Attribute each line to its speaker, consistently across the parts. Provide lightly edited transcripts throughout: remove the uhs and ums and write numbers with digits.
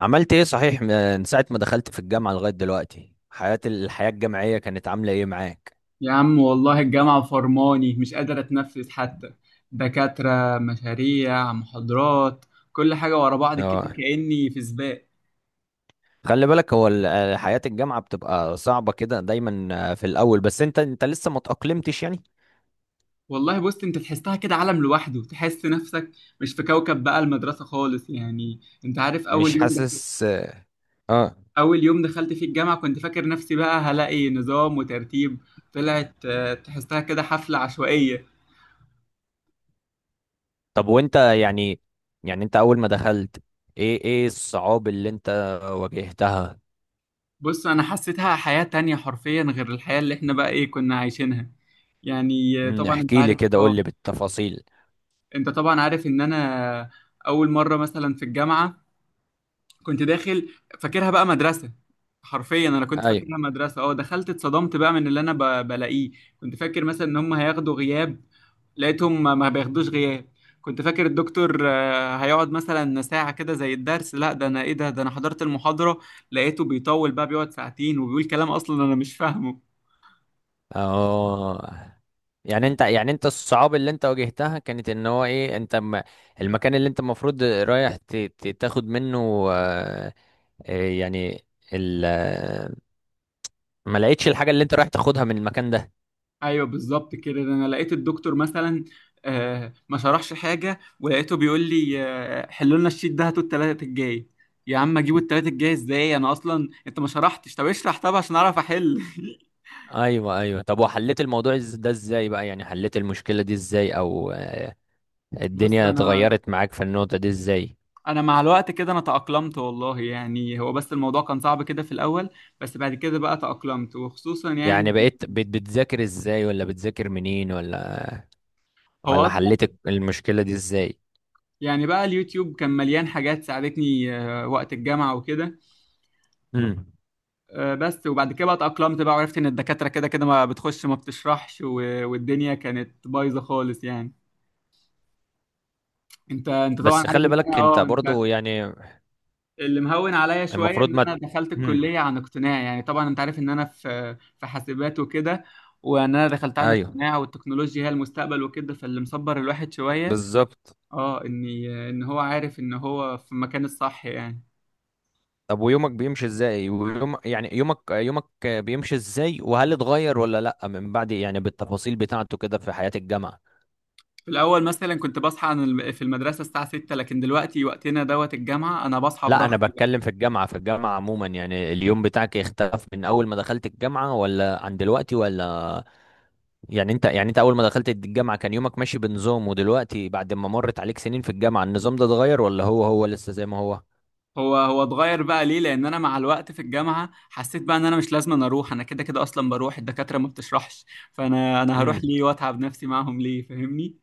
Speaker 1: عملت ايه صحيح، من ساعة ما دخلت في الجامعة لغاية دلوقتي؟ الحياة الجامعية كانت عاملة ايه معاك؟
Speaker 2: يا عم والله الجامعة فرماني، مش قادر أتنفس حتى. دكاترة، مشاريع، محاضرات، كل حاجة ورا بعض كده
Speaker 1: اه.
Speaker 2: كأني في سباق.
Speaker 1: خلي بالك، هو حياة الجامعة بتبقى صعبة كده دايما في الأول، بس انت لسه ما تأقلمتش يعني.
Speaker 2: والله بص أنت تحسها كده عالم لوحده، تحس نفسك مش في كوكب بقى، المدرسة خالص يعني. أنت عارف
Speaker 1: مش حاسس؟ اه.
Speaker 2: أول يوم دخلت في الجامعة كنت فاكر نفسي بقى هلاقي نظام وترتيب، طلعت تحسها كده حفلة عشوائية.
Speaker 1: طب وانت يعني انت أول ما دخلت ايه الصعاب اللي انت واجهتها؟
Speaker 2: بص أنا حسيتها حياة تانية حرفيا غير الحياة اللي إحنا بقى إيه كنا عايشينها، يعني طبعا أنت
Speaker 1: احكي لي
Speaker 2: عارف
Speaker 1: كده، قول لي بالتفاصيل.
Speaker 2: انت طبعا عارف ان انا اول مره مثلا في الجامعه كنت داخل فاكرها بقى مدرسه، حرفيا انا كنت
Speaker 1: ايوه.
Speaker 2: فاكرها مدرسه. اه دخلت اتصدمت بقى من اللي انا بلاقيه. كنت فاكر مثلا ان هم هياخدوا غياب، لقيتهم ما بياخدوش غياب. كنت فاكر الدكتور هيقعد مثلا ساعة كده زي الدرس، لا ده انا ايه ده انا حضرت المحاضرة، لقيته بيطول بقى بيقعد ساعتين وبيقول كلام اصلا انا مش فاهمه.
Speaker 1: اه. يعني انت الصعاب اللي انت واجهتها كانت ان هو ايه، انت المكان اللي انت المفروض رايح تاخد منه يعني ال... آه، ما لقيتش الحاجة اللي انت رايح تاخدها من المكان ده.
Speaker 2: ايوه بالظبط كده، ده انا لقيت الدكتور مثلا ما شرحش حاجه، ولقيته بيقول لي حلوا لنا الشيت ده، هاتوا التلاتة الجاي. يا عم اجيبوا التلاتة الجاي ازاي، انا اصلا انت ما شرحتش، طب اشرح طب عشان اعرف احل.
Speaker 1: ايوه ايوه. طب وحليت الموضوع ده ازاي بقى، يعني حليت المشكلة دي ازاي، او
Speaker 2: بص
Speaker 1: الدنيا
Speaker 2: انا
Speaker 1: اتغيرت معاك في النقطة دي ازاي؟
Speaker 2: انا مع الوقت كده انا تأقلمت والله، يعني هو بس الموضوع كان صعب كده في الاول، بس بعد كده بقى تأقلمت. وخصوصا يعني
Speaker 1: يعني بقيت بتذاكر ازاي، ولا بتذاكر منين، ولا
Speaker 2: هو
Speaker 1: ولا
Speaker 2: اصلا
Speaker 1: حليت المشكلة دي ازاي؟
Speaker 2: يعني بقى اليوتيوب كان مليان حاجات ساعدتني وقت الجامعه وكده.
Speaker 1: مم.
Speaker 2: بس وبعد كده بقى اتأقلمت بقى وعرفت ان الدكاترة كده كده ما بتخش ما بتشرحش، والدنيا كانت بايظة خالص يعني. انت طبعا
Speaker 1: بس
Speaker 2: عارف
Speaker 1: خلي
Speaker 2: ان انا
Speaker 1: بالك انت
Speaker 2: اه انت
Speaker 1: برضو يعني
Speaker 2: اللي مهون عليا شوية
Speaker 1: المفروض
Speaker 2: ان
Speaker 1: ما.
Speaker 2: انا دخلت
Speaker 1: مم.
Speaker 2: الكلية عن اقتناع، يعني طبعا انت عارف ان انا في حاسبات وكده، وان انا دخلت عن
Speaker 1: ايوه
Speaker 2: اقتناع والتكنولوجيا هي المستقبل وكده، فاللي مصبر الواحد شوية
Speaker 1: بالظبط.
Speaker 2: اه اني ان هو عارف ان هو في المكان الصح يعني.
Speaker 1: طب ويومك بيمشي ازاي، يعني يومك بيمشي ازاي، وهل اتغير ولا لا من بعد، يعني بالتفاصيل بتاعته كده في حياة الجامعة؟
Speaker 2: في الأول مثلا كنت بصحى عن في المدرسة الساعة 6، لكن دلوقتي وقتنا دوت الجامعة أنا بصحى
Speaker 1: لا انا
Speaker 2: براحتي.
Speaker 1: بتكلم في الجامعة عموما. يعني اليوم بتاعك اختلف من اول ما دخلت الجامعة، ولا عن دلوقتي ولا؟ يعني انت اول ما دخلت الجامعة كان يومك ماشي بنظام، ودلوقتي بعد ما مرت عليك سنين في الجامعة النظام ده اتغير، ولا هو هو لسه زي ما هو؟
Speaker 2: هو هو اتغير بقى ليه، لان انا مع الوقت في الجامعه حسيت بقى ان انا مش لازم أنا اروح، انا كده كده اصلا بروح الدكاتره ما بتشرحش، فانا هروح
Speaker 1: امم.
Speaker 2: ليه واتعب نفسي معاهم ليه، فاهمني؟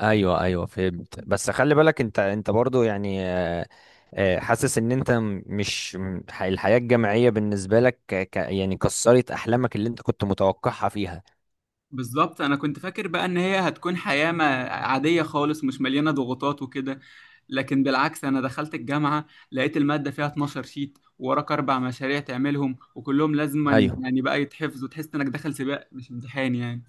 Speaker 1: ايوه ايوه فهمت. بس خلي بالك انت برضو يعني حاسس ان انت م- مش م- ح- الحياة الجامعية بالنسبة لك يعني كسرت احلامك اللي انت كنت متوقعها فيها.
Speaker 2: بالظبط، انا كنت فاكر بقى ان هي هتكون حياه ما عاديه خالص مش مليانه ضغوطات وكده، لكن بالعكس انا دخلت الجامعه لقيت الماده فيها 12 شيت ووراك 4 مشاريع تعملهم وكلهم لازما
Speaker 1: ايوه.
Speaker 2: يعني بقى يتحفظوا، تحس انك داخل سباق مش امتحان يعني.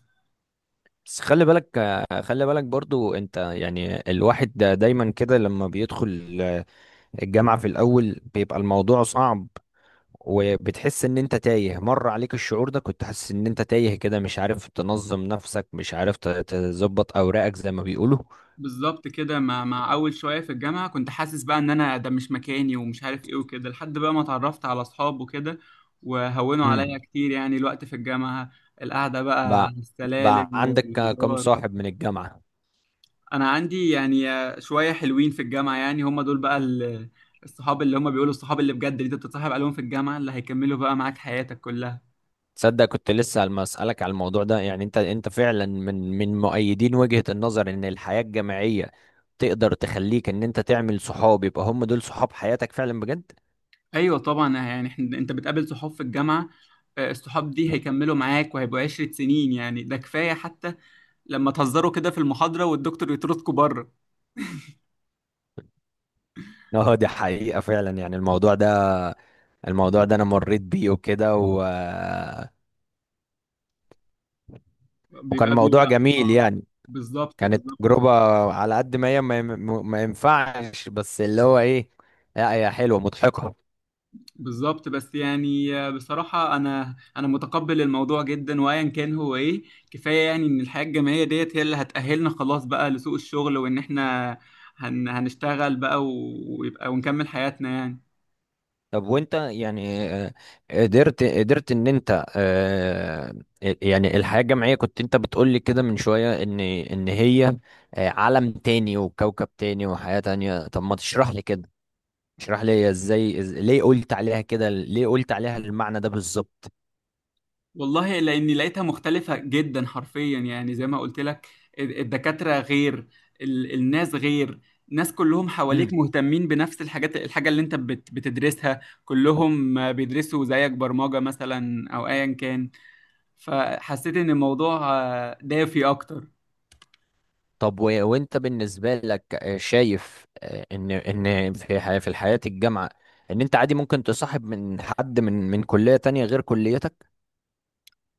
Speaker 1: بس خلي بالك خلي بالك برضو انت يعني الواحد ده دايما كده لما بيدخل الجامعة في الاول بيبقى الموضوع صعب. وبتحس ان انت تايه، مر عليك الشعور ده، كنت حاسس ان انت تايه كده، مش عارف تنظم نفسك، مش عارف تظبط اوراقك زي ما بيقولوا.
Speaker 2: بالظبط كده، مع اول شويه في الجامعه كنت حاسس بقى ان انا ده مش مكاني ومش عارف ايه وكده، لحد بقى ما اتعرفت على اصحاب وكده، وهونوا عليا كتير يعني الوقت في الجامعه، القعده بقى على
Speaker 1: بقى بقى
Speaker 2: السلالم
Speaker 1: عندك كم
Speaker 2: والهزار.
Speaker 1: صاحب من الجامعة؟
Speaker 2: انا عندي يعني شويه حلوين في الجامعه، يعني هم دول بقى الصحاب اللي هم بيقولوا الصحاب اللي بجد، اللي انت بتتصاحب عليهم في الجامعه اللي هيكملوا بقى معاك حياتك كلها.
Speaker 1: تصدق كنت لسه عم اسالك على الموضوع ده، يعني انت فعلا من مؤيدين وجهة النظر ان الحياة الجامعية تقدر تخليك ان انت تعمل صحاب، يبقى هم دول صحاب حياتك فعلا بجد.
Speaker 2: ايوه طبعا، يعني انت بتقابل صحاب في الجامعه، الصحاب دي هيكملوا معاك وهيبقوا 10 سنين يعني، ده كفاية حتى لما تهزروا كده في المحاضرة والدكتور يطردكوا بره.
Speaker 1: اه دي حقيقة فعلا. يعني الموضوع ده انا مريت بيه وكده وكان
Speaker 2: بيبقى
Speaker 1: موضوع
Speaker 2: بيبقى
Speaker 1: جميل
Speaker 2: اه
Speaker 1: يعني.
Speaker 2: بالظبط،
Speaker 1: كانت
Speaker 2: بالظبط
Speaker 1: تجربة
Speaker 2: فعلا.
Speaker 1: على قد ما هي ما ينفعش، بس اللي هو ايه، لا هي حلوة مضحكة.
Speaker 2: بالظبط بس يعني بصراحة أنا متقبل الموضوع جدا وأيا كان هو إيه، كفاية يعني إن الحياة الجامعية ديت هي اللي هتأهلنا خلاص بقى لسوق الشغل، وإن إحنا هنشتغل بقى ويبقى ونكمل حياتنا يعني.
Speaker 1: طب وانت يعني قدرت ان انت يعني الحياة الجامعية كنت انت بتقولي كده من شوية ان هي عالم تاني وكوكب تاني وحياة تانية، طب ما تشرح لي كده. اشرح لي هي ازاي، ليه قلت عليها كده، ليه قلت عليها المعنى ده بالظبط؟
Speaker 2: والله لاني لقيتها مختلفه جدا حرفيا، يعني زي ما قلت لك، الدكاتره غير، الناس غير، ناس كلهم حواليك
Speaker 1: امم.
Speaker 2: مهتمين بنفس الحاجات، الحاجه اللي انت بتدرسها كلهم بيدرسوا زيك، برمجه مثلا او ايا كان، فحسيت ان الموضوع دافي اكتر.
Speaker 1: طب وانت بالنسبة لك شايف ان في الحياة الجامعة ان انت عادي ممكن تصاحب من حد من كلية تانية غير كليتك؟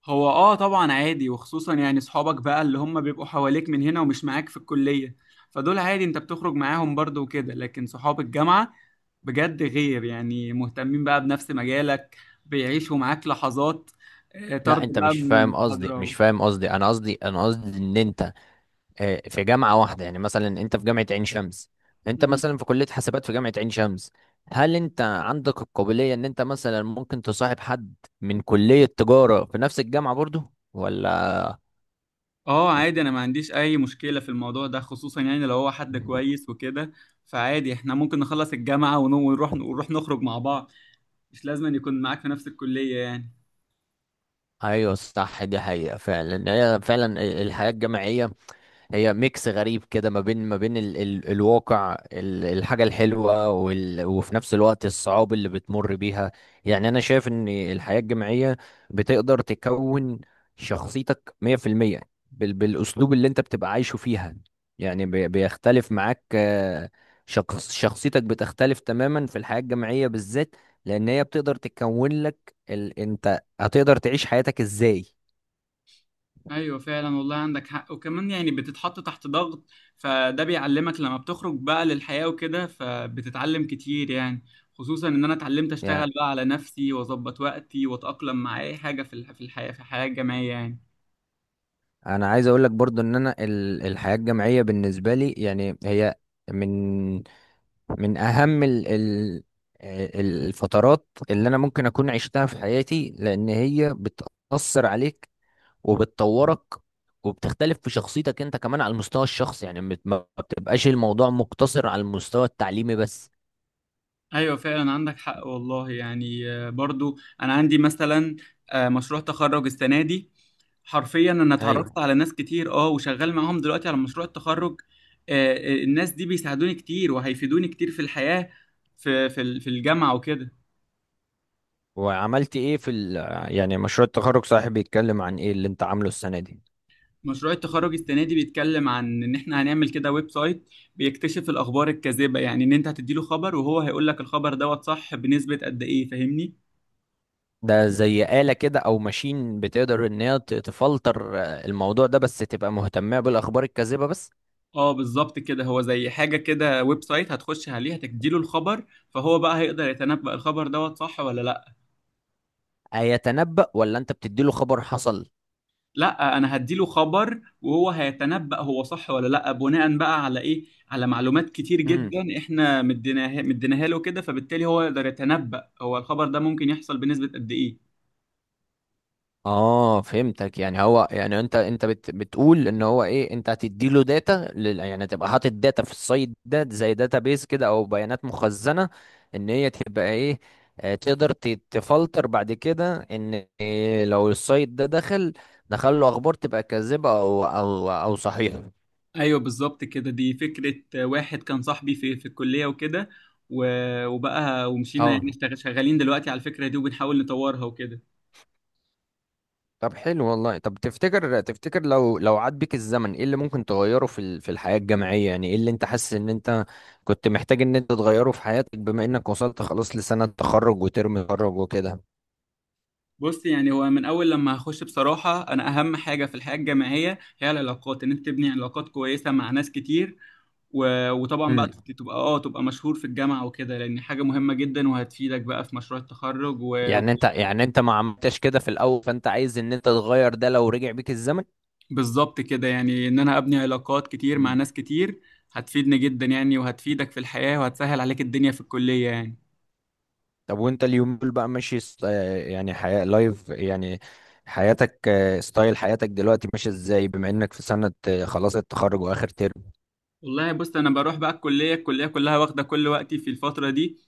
Speaker 2: هو طبعا عادي، وخصوصا يعني صحابك بقى اللي هم بيبقوا حواليك من هنا ومش معاك في الكلية، فدول عادي انت بتخرج معاهم برضو وكده، لكن صحاب الجامعة بجد غير يعني، مهتمين بقى بنفس مجالك، بيعيشوا معاك لحظات
Speaker 1: لا
Speaker 2: طرد
Speaker 1: انت
Speaker 2: بقى
Speaker 1: مش
Speaker 2: من
Speaker 1: فاهم قصدي،
Speaker 2: المحاضرة و...
Speaker 1: مش فاهم قصدي، انا قصدي، انا قصدي ان انت في جامعه واحده، يعني مثلا انت في جامعه عين شمس، انت
Speaker 2: مم.
Speaker 1: مثلا في كليه حاسبات في جامعه عين شمس، هل انت عندك القابليه ان انت مثلا ممكن تصاحب حد من كليه تجاره في نفس الجامعه برضو، ولا؟
Speaker 2: اه، عادي انا ما عنديش اي مشكلة في الموضوع ده، خصوصا يعني لو هو حد كويس وكده، فعادي احنا ممكن نخلص الجامعة ونو- ونروح نروح نخرج مع بعض، مش لازم أن يكون معاك في نفس الكلية يعني.
Speaker 1: ايوه صح، دي حقيقه فعلا، هي فعلا الحياه الجامعيه هي ميكس غريب كده، ما بين ال ال الواقع الحاجة الحلوة، وفي نفس الوقت الصعاب اللي بتمر بيها. يعني أنا شايف إن الحياة الجامعية بتقدر تكون شخصيتك 100% بالأسلوب اللي أنت بتبقى عايشه فيها، يعني بيختلف معاك شخصيتك بتختلف تماما في الحياة الجامعية بالذات، لأن هي بتقدر تكون لك أنت هتقدر تعيش حياتك إزاي.
Speaker 2: ايوه فعلا والله عندك حق، وكمان يعني بتتحط تحت ضغط، فده بيعلمك لما بتخرج بقى للحياة وكده فبتتعلم كتير يعني، خصوصا ان انا اتعلمت اشتغل بقى على نفسي واظبط وقتي واتأقلم مع اي حاجة في في الحياة الجامعية يعني.
Speaker 1: انا عايز اقول لك برضو ان انا الحياة الجامعية بالنسبة لي يعني هي من من اهم ال ال الفترات اللي انا ممكن اكون عشتها في حياتي، لان هي بتأثر عليك وبتطورك وبتختلف في شخصيتك انت كمان على المستوى الشخصي، يعني ما بتبقاش الموضوع مقتصر على المستوى التعليمي بس.
Speaker 2: ايوه فعلا عندك حق والله، يعني برضو انا عندي مثلا مشروع تخرج السنه دي، حرفيا انا اتعرفت
Speaker 1: ايوه.
Speaker 2: على ناس كتير وشغال معاهم دلوقتي على مشروع التخرج. آه، الناس دي بيساعدوني كتير وهيفيدوني كتير في الحياه، في في الجامعه وكده.
Speaker 1: وعملت ايه في ال يعني مشروع التخرج صاحبي، بيتكلم عن ايه اللي انت عامله السنة دي؟
Speaker 2: مشروع التخرج السنه دي بيتكلم عن ان احنا هنعمل كده ويب سايت بيكتشف الاخبار الكاذبه، يعني ان انت هتديله خبر وهو هيقول لك الخبر دوت صح بنسبه قد ايه، فاهمني؟
Speaker 1: ده زي آلة كده، أو ماشين، بتقدر إن هي تفلتر الموضوع ده، بس تبقى مهتمة بالأخبار الكاذبة بس؟
Speaker 2: اه بالظبط كده، هو زي حاجة كده، ويب سايت هتخش عليه هتديله الخبر، فهو بقى هيقدر يتنبأ الخبر دوت صح ولا لا.
Speaker 1: هيتنبأ ولا أنت بتديله خبر حصل؟
Speaker 2: لا، انا هديله خبر وهو هيتنبأ هو صح ولا لا بناء بقى على ايه، على معلومات كتير
Speaker 1: امم.
Speaker 2: جدا احنا مديناها له كده، فبالتالي هو يقدر يتنبأ هو الخبر ده ممكن يحصل بنسبة قد ايه.
Speaker 1: آه فهمتك، يعني هو يعني أنت بتقول إن هو إيه، أنت هتديله داتا يعني تبقى حاطط داتا في السايت ده زي داتا بيز كده، أو بيانات مخزنة، إن هي تبقى إيه تقدر تفلتر بعد كده إن إيه لو السايت ده دخل له أخبار تبقى كاذبة، أو صحيحة؟
Speaker 2: ايوه بالظبط كده، دي فكرة واحد كان صاحبي في الكلية وكده، وبقى ومشينا
Speaker 1: اه.
Speaker 2: يعني شغالين دلوقتي على الفكرة دي وبنحاول نطورها وكده.
Speaker 1: طب حلو والله. طب تفتكر لو عاد بيك الزمن ايه اللي ممكن تغيره في الحياة الجامعية، يعني ايه اللي انت حاسس ان انت كنت محتاج ان انت تغيره في حياتك بما انك وصلت خلاص لسنة تخرج وترم تخرج وكده؟
Speaker 2: بص يعني هو من اول لما هخش بصراحه، انا اهم حاجه في الحياه الجامعيه هي العلاقات، ان انت تبني علاقات كويسه مع ناس كتير وطبعا بقى
Speaker 1: امم.
Speaker 2: تبقى مشهور في الجامعه وكده، لان حاجه مهمه جدا وهتفيدك بقى في مشروع التخرج و...
Speaker 1: يعني انت ما عملتش كده في الاول، فانت عايز ان انت تغير ده لو رجع بيك الزمن؟
Speaker 2: بالظبط كده، يعني ان انا ابني علاقات كتير مع
Speaker 1: مم.
Speaker 2: ناس كتير هتفيدني جدا يعني، وهتفيدك في الحياه وهتسهل عليك الدنيا في الكليه يعني.
Speaker 1: طب وانت اليوم دول بقى ماشي يعني حياة لايف يعني حياتك ستايل حياتك دلوقتي ماشي ازاي بما انك في سنة خلاص التخرج واخر ترم؟
Speaker 2: والله بص انا بروح بقى الكليه الكليه كلها، واخده كل وقتي في الفتره دي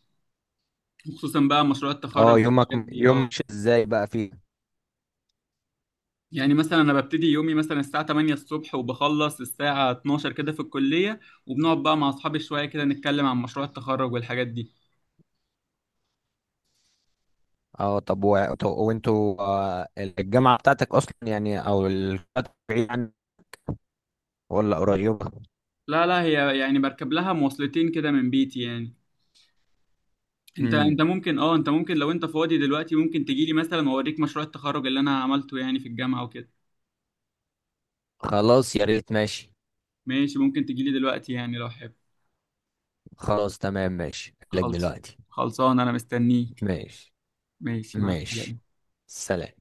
Speaker 2: خصوصا بقى مشروع التخرج
Speaker 1: اه يومك
Speaker 2: والحاجات دي
Speaker 1: يوم مش ازاي بقى فيه؟
Speaker 2: يعني مثلا انا ببتدي يومي مثلا الساعة 8 الصبح وبخلص الساعة 12 كده في الكلية، وبنقعد بقى مع اصحابي شوية كده نتكلم عن مشروع التخرج والحاجات دي.
Speaker 1: اه. طب وانتوا الجامعة بتاعتك اصلا يعني، او بعيد ولا قريبة؟
Speaker 2: لا لا، هي يعني بركب لها مواصلتين كده من بيتي يعني.
Speaker 1: امم.
Speaker 2: انت ممكن لو انت فاضي دلوقتي ممكن تجيلي مثلا واوريك مشروع التخرج اللي انا عملته يعني في الجامعة وكده.
Speaker 1: خلاص يا ريت، ماشي.
Speaker 2: ماشي، ممكن تجيلي دلوقتي يعني لو حابب.
Speaker 1: خلاص تمام، ماشي لك
Speaker 2: خلص
Speaker 1: دلوقتي.
Speaker 2: خلصان انا مستنيك.
Speaker 1: ماشي.
Speaker 2: ماشي مع
Speaker 1: ماشي.
Speaker 2: السلامة.
Speaker 1: سلام.